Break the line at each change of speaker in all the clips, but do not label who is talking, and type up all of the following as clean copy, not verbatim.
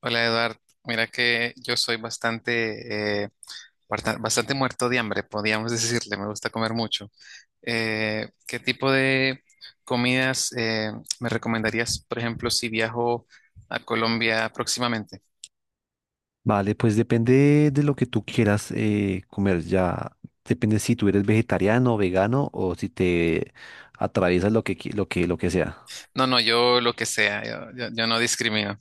Hola Eduard, mira que yo soy bastante, bastante muerto de hambre, podríamos decirle, me gusta comer mucho. ¿Qué tipo de comidas me recomendarías, por ejemplo, si viajo a Colombia próximamente?
Vale, pues depende de lo que tú quieras comer. Ya depende si tú eres vegetariano o vegano o si te atraviesas lo que sea.
No, no, yo lo que sea, yo no discrimino.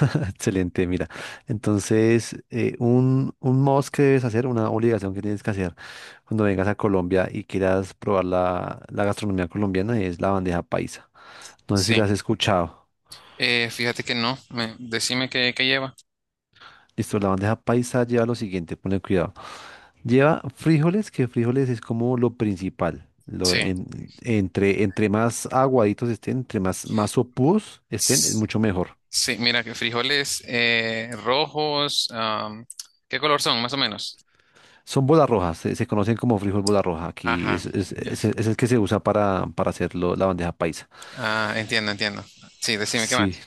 Excelente, mira. Entonces, un must que debes hacer, una obligación que tienes que hacer cuando vengas a Colombia y quieras probar la gastronomía colombiana es la bandeja paisa. No sé si la
Sí.
has escuchado.
Fíjate que no, decime qué lleva.
Listo, la bandeja paisa lleva lo siguiente, ponle cuidado. Lleva frijoles, que frijoles es como lo principal.
Sí.
Entre más aguaditos estén, más sopúos estén, es
S-
mucho mejor.
sí, mira que frijoles rojos, ¿qué color son, más o menos?
Son bolas rojas, se conocen como frijol bola roja. Aquí
Ajá. Ya.
es el que se usa para hacer la bandeja paisa.
Ah, entiendo, entiendo. Sí, decime, ¿qué
Sí,
más?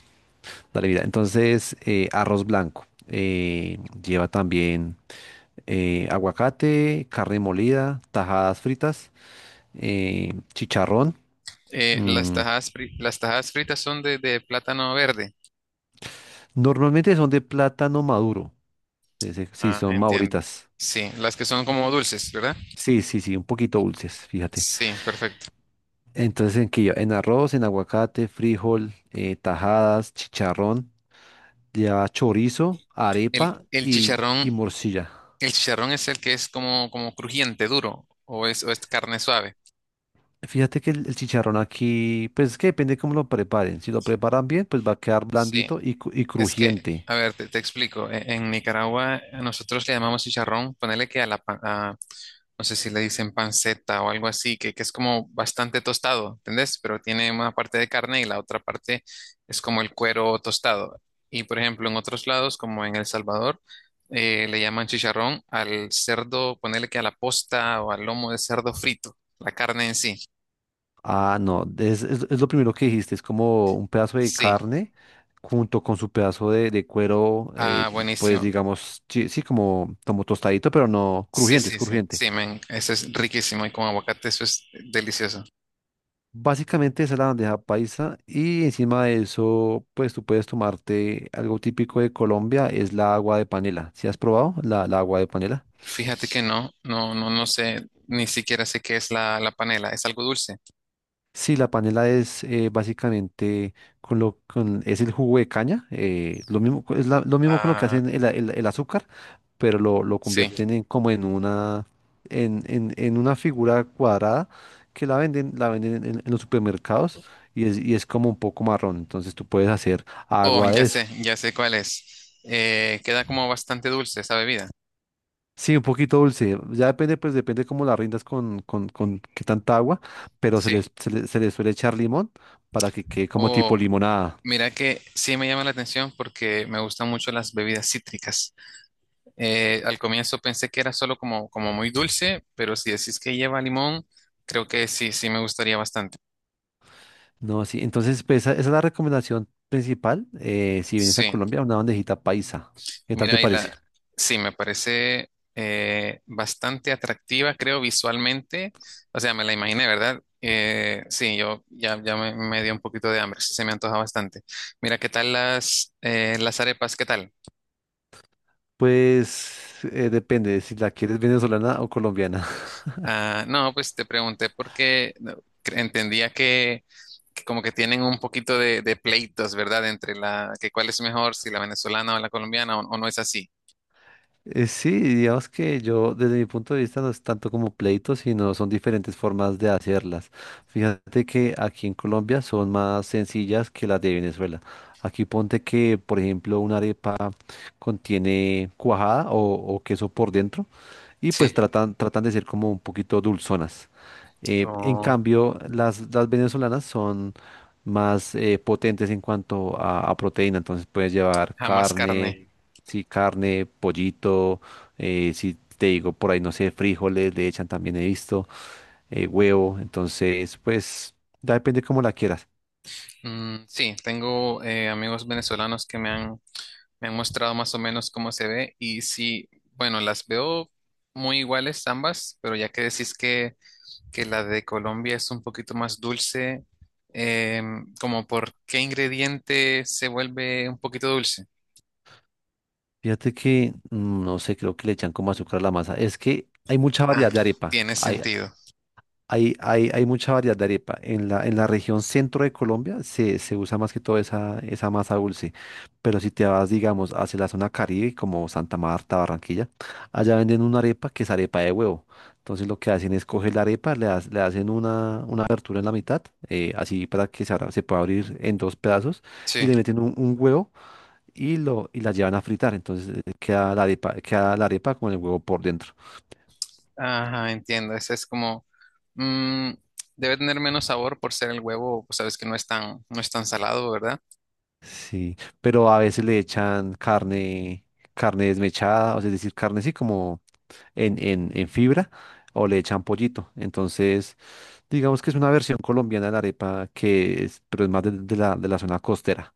dale, mira. Entonces, arroz blanco. Lleva también aguacate, carne molida, tajadas fritas, chicharrón.
Las
mm,
las tajadas fritas son de plátano verde.
Normalmente son de plátano maduro. Sí, sí, sí,
Ah,
son
entiendo.
mauritas.
Sí, las que son como
Y
dulces, ¿verdad?
sí, sí, sí, un poquito dulces, fíjate.
Sí, perfecto.
Entonces, ¿en qué lleva? En arroz, en aguacate, frijol, tajadas, chicharrón, lleva chorizo, arepa
El
y
chicharrón,
morcilla.
el chicharrón es el que es como, como crujiente, duro, o es carne suave.
Fíjate que el chicharrón aquí, pues es que depende cómo lo preparen. Si lo preparan bien, pues va a quedar
Sí.
blandito y
Es que,
crujiente.
a ver, te explico. En Nicaragua a nosotros le llamamos chicharrón, ponele que a la, no sé si le dicen panceta o algo así, que es como bastante tostado, ¿entendés? Pero tiene una parte de carne y la otra parte es como el cuero tostado. Y por ejemplo, en otros lados, como en El Salvador, le llaman chicharrón al cerdo, ponele que a la posta o al lomo de cerdo frito, la carne en sí.
Ah, no, es lo primero que dijiste, es como un pedazo de
Sí.
carne junto con su pedazo de cuero,
Ah,
pues
buenísimo.
digamos, sí, sí, como, como tostadito, pero no
Sí,
crujiente, es
sí, sí,
crujiente.
sí, men, eso es riquísimo y con aguacate eso es delicioso.
Básicamente esa es la bandeja paisa y encima de eso, pues tú puedes tomarte algo típico de Colombia, es la agua de panela. ¿Sí has probado la agua de panela?
Fíjate que no, no, no, no sé, ni siquiera sé qué es la panela, es algo dulce.
Sí, la panela es básicamente es el jugo de caña, lo mismo co- es la- lo mismo con lo que
Ah,
hacen el azúcar, pero lo
sí.
convierten en como en una en una figura cuadrada que la venden en los supermercados y es como un poco marrón, entonces tú puedes hacer
Oh,
agua de eso.
ya sé cuál es. Queda como bastante dulce esa bebida.
Sí, un poquito dulce, ya depende pues depende cómo la rindas con qué tanta agua, pero
Sí.
se les suele echar limón para que quede como tipo
Oh,
limonada.
mira que sí me llama la atención porque me gustan mucho las bebidas cítricas. Al comienzo pensé que era solo como, como muy dulce, pero si decís que lleva limón, creo que sí, sí me gustaría bastante.
No, sí, entonces pues esa es la recomendación principal. Eh, si vienes a
Sí.
Colombia, una bandejita paisa. ¿Qué tal te
Mira,
parece?
sí, me parece bastante atractiva, creo, visualmente. O sea, me la imaginé, ¿verdad? Sí, yo ya, me dio un poquito de hambre, sí, se me antoja bastante. Mira, ¿qué tal las arepas? ¿Qué tal?
Pues depende si la quieres venezolana o colombiana.
Ah, no, pues te pregunté porque no, cre- entendía que como que tienen un poquito de pleitos, ¿verdad? Entre la, que cuál es mejor, si la venezolana o la colombiana, o no es así.
Sí, digamos que yo desde mi punto de vista no es tanto como pleito, sino son diferentes formas de hacerlas. Fíjate que aquí en Colombia son más sencillas que las de Venezuela. Aquí ponte que, por ejemplo, una arepa contiene cuajada o queso por dentro y
Sí.
pues tratan de ser como un poquito dulzonas. En
O
cambio, las venezolanas son más potentes en cuanto a proteína, entonces puedes llevar
jamás
carne,
carne.
sí, carne, pollito, si te digo por ahí, no sé, frijoles, le echan también, he visto, huevo, entonces pues ya depende cómo la quieras.
Mm, sí, tengo amigos venezolanos que me me han mostrado más o menos cómo se ve y sí, bueno, las veo muy iguales ambas, pero ya que decís que la de Colombia es un poquito más dulce, como por qué ingrediente se vuelve un poquito dulce.
Fíjate que, mm, no sé, creo que le echan como azúcar a la masa, es que hay mucha
Ah,
variedad de arepa,
tiene sentido.
Hay mucha variedad de arepa. En en la región centro de Colombia se usa más que todo esa masa dulce. Pero si te vas, digamos, hacia la zona Caribe, como Santa Marta, Barranquilla, allá venden una arepa que es arepa de huevo. Entonces lo que hacen es coger la arepa, le hacen una abertura en la mitad, así para que se pueda abrir en dos pedazos, y
Sí,
le meten un huevo y la llevan a fritar. Entonces queda la arepa con el huevo por dentro.
ajá, entiendo. Ese es como, mm, debe tener menos sabor por ser el huevo, pues sabes que no es tan, no es tan salado, ¿verdad?
Sí, pero a veces le echan carne, carne desmechada, o sea, es decir, carne así como en fibra, o le echan pollito. Entonces, digamos que es una versión colombiana de la arepa que es, pero es más de de la zona costera.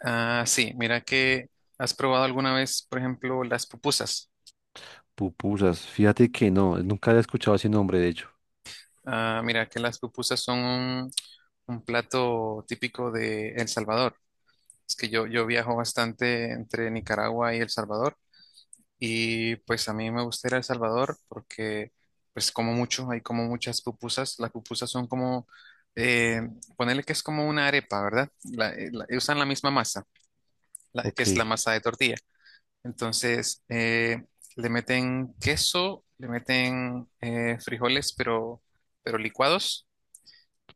Ah, sí, mira que has probado alguna vez, por ejemplo, las pupusas.
Pupusas, fíjate que no, nunca había escuchado ese nombre, de hecho.
Ah, mira que las pupusas son un plato típico de El Salvador. Es que yo viajo bastante entre Nicaragua y El Salvador y pues a mí me gusta ir a El Salvador porque pues como mucho, hay como muchas pupusas. Las pupusas son como, eh, ponerle que es como una arepa, ¿verdad? Usan la misma masa, que
Ok,
es la masa de tortilla. Entonces, le meten queso, le meten frijoles, pero licuados,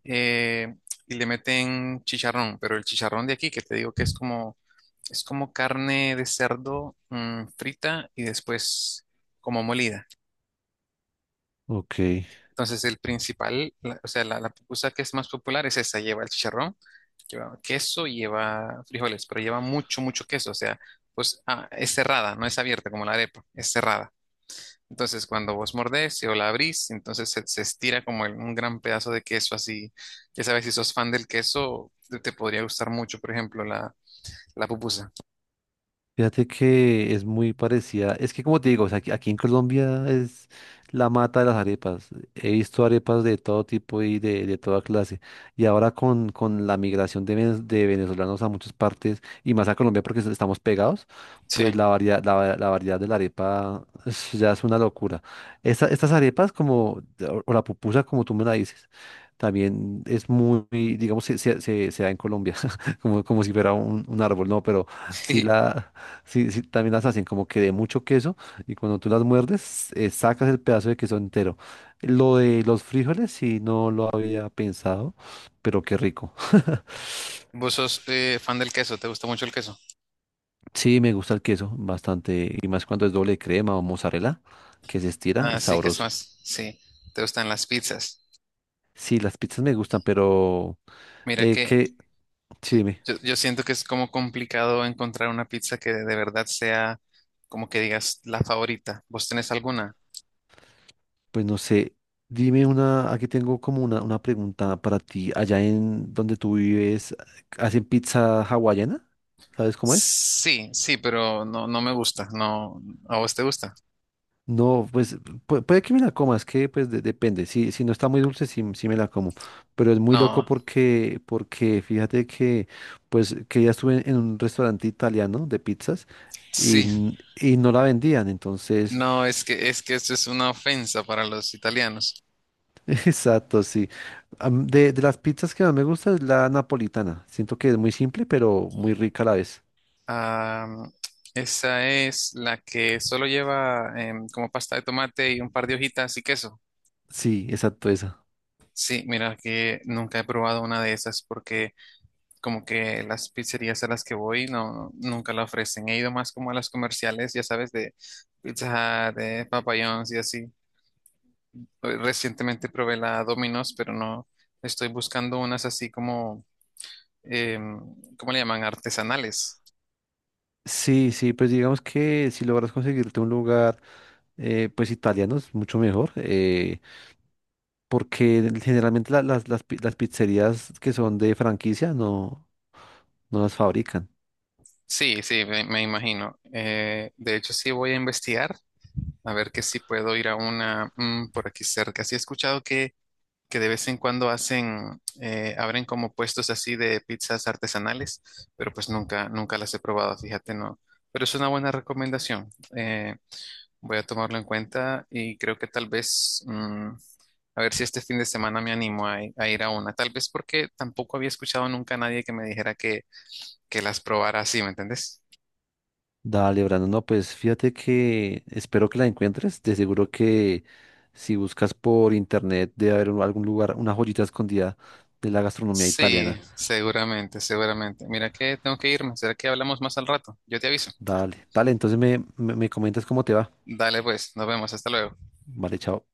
eh, y le meten chicharrón, pero el chicharrón de aquí, que te digo que es como carne de cerdo frita y después como molida.
ok.
Entonces, o sea, la pupusa que es más popular es esa, lleva el chicharrón, lleva queso y lleva frijoles, pero lleva mucho, mucho queso, o sea, pues ah, es cerrada, no es abierta como la arepa, es cerrada. Entonces, cuando vos mordés o la abrís, entonces se estira como un gran pedazo de queso así. Ya sabes, si sos fan del queso, te podría gustar mucho, por ejemplo, la pupusa.
Fíjate que es muy parecida. Es que como te digo, o sea, aquí en Colombia es la mata de las arepas. He visto arepas de todo tipo y de toda clase. Y ahora con la migración de, de venezolanos a muchas partes y más a Colombia porque so- estamos pegados, pues
Sí.
la variedad de la arepa ya es una locura. Estas arepas como, o la pupusa como tú me la dices, también es muy, digamos, se da en Colombia, como, como si fuera un árbol, ¿no? Pero sí la... Sí, sí, también las hacen como que de mucho queso y cuando tú las muerdes, sacas el pedazo de queso entero. Lo de los frijoles, sí, no lo había pensado, pero qué rico.
¿Vos sos fan del queso? ¿Te gusta mucho el queso?
Sí, me gusta el queso bastante y más cuando es doble crema o mozzarella, que se estira,
Ah,
es
sí, que es
sabroso.
más. Sí, te gustan las pizzas.
Sí, las pizzas me gustan, pero
Mira
eh,
que
que, sí, dime,
yo siento que es como complicado encontrar una pizza que de verdad sea como que digas la favorita. ¿Vos tenés alguna?
pues no sé, dime una, aquí tengo como una pregunta para ti. Allá en donde tú vives, ¿hacen pizza hawaiana? ¿Sabes cómo es?
Sí, sí, pero no, no me gusta. No, ¿a vos te gusta?
No, pues puede que me la coma, es que pues depende. Si no está muy dulce, sí, sí me la como. Pero es muy loco
No.
porque fíjate que pues que ya estuve en un restaurante italiano de pizzas
Sí,
y no la vendían. Entonces,
no, es que esto es una ofensa para los italianos.
exacto, sí. De las pizzas que más me gusta es la napolitana. Siento que es muy simple, pero muy rica a la vez.
Ah, esa es la que solo lleva como pasta de tomate y un par de hojitas y queso.
Sí, exacto, esa.
Sí, mira que nunca he probado una de esas porque como que las pizzerías a las que voy nunca la ofrecen. He ido más como a las comerciales, ya sabes, de Pizza Hut, de Papa John's y así. Hoy Recientemente probé la Domino's, pero no estoy buscando unas así como em, ¿cómo le llaman? Artesanales.
Sí, sí, pues digamos que si logras conseguirte un lugar, pues italiano es mucho mejor. Eh, porque generalmente las pizzerías que son de franquicia no, no las fabrican.
Sí, sí, me imagino. De hecho, sí voy a investigar a ver que si puedo ir a una mm, por aquí cerca. Sí he escuchado que de vez en cuando hacen, abren como puestos así de pizzas artesanales, pero pues nunca, nunca las he probado, fíjate, no. Pero es una buena recomendación. Eh, Voy a tomarlo en cuenta y creo que tal vez, mm, a ver si este fin de semana me animo a ir a una. Tal vez porque tampoco había escuchado nunca a nadie que me dijera que las probara así, ¿me entendés?
Dale, Brandon, no, pues fíjate que espero que la encuentres. De seguro que si buscas por internet debe haber algún lugar, una joyita escondida de la gastronomía
Sí,
italiana.
seguramente, seguramente. Mira que tengo que irme. ¿Será que hablamos más al rato? Yo te aviso.
Dale, dale, entonces me comentas cómo te va.
Dale pues, nos vemos, hasta luego.
Vale, chao.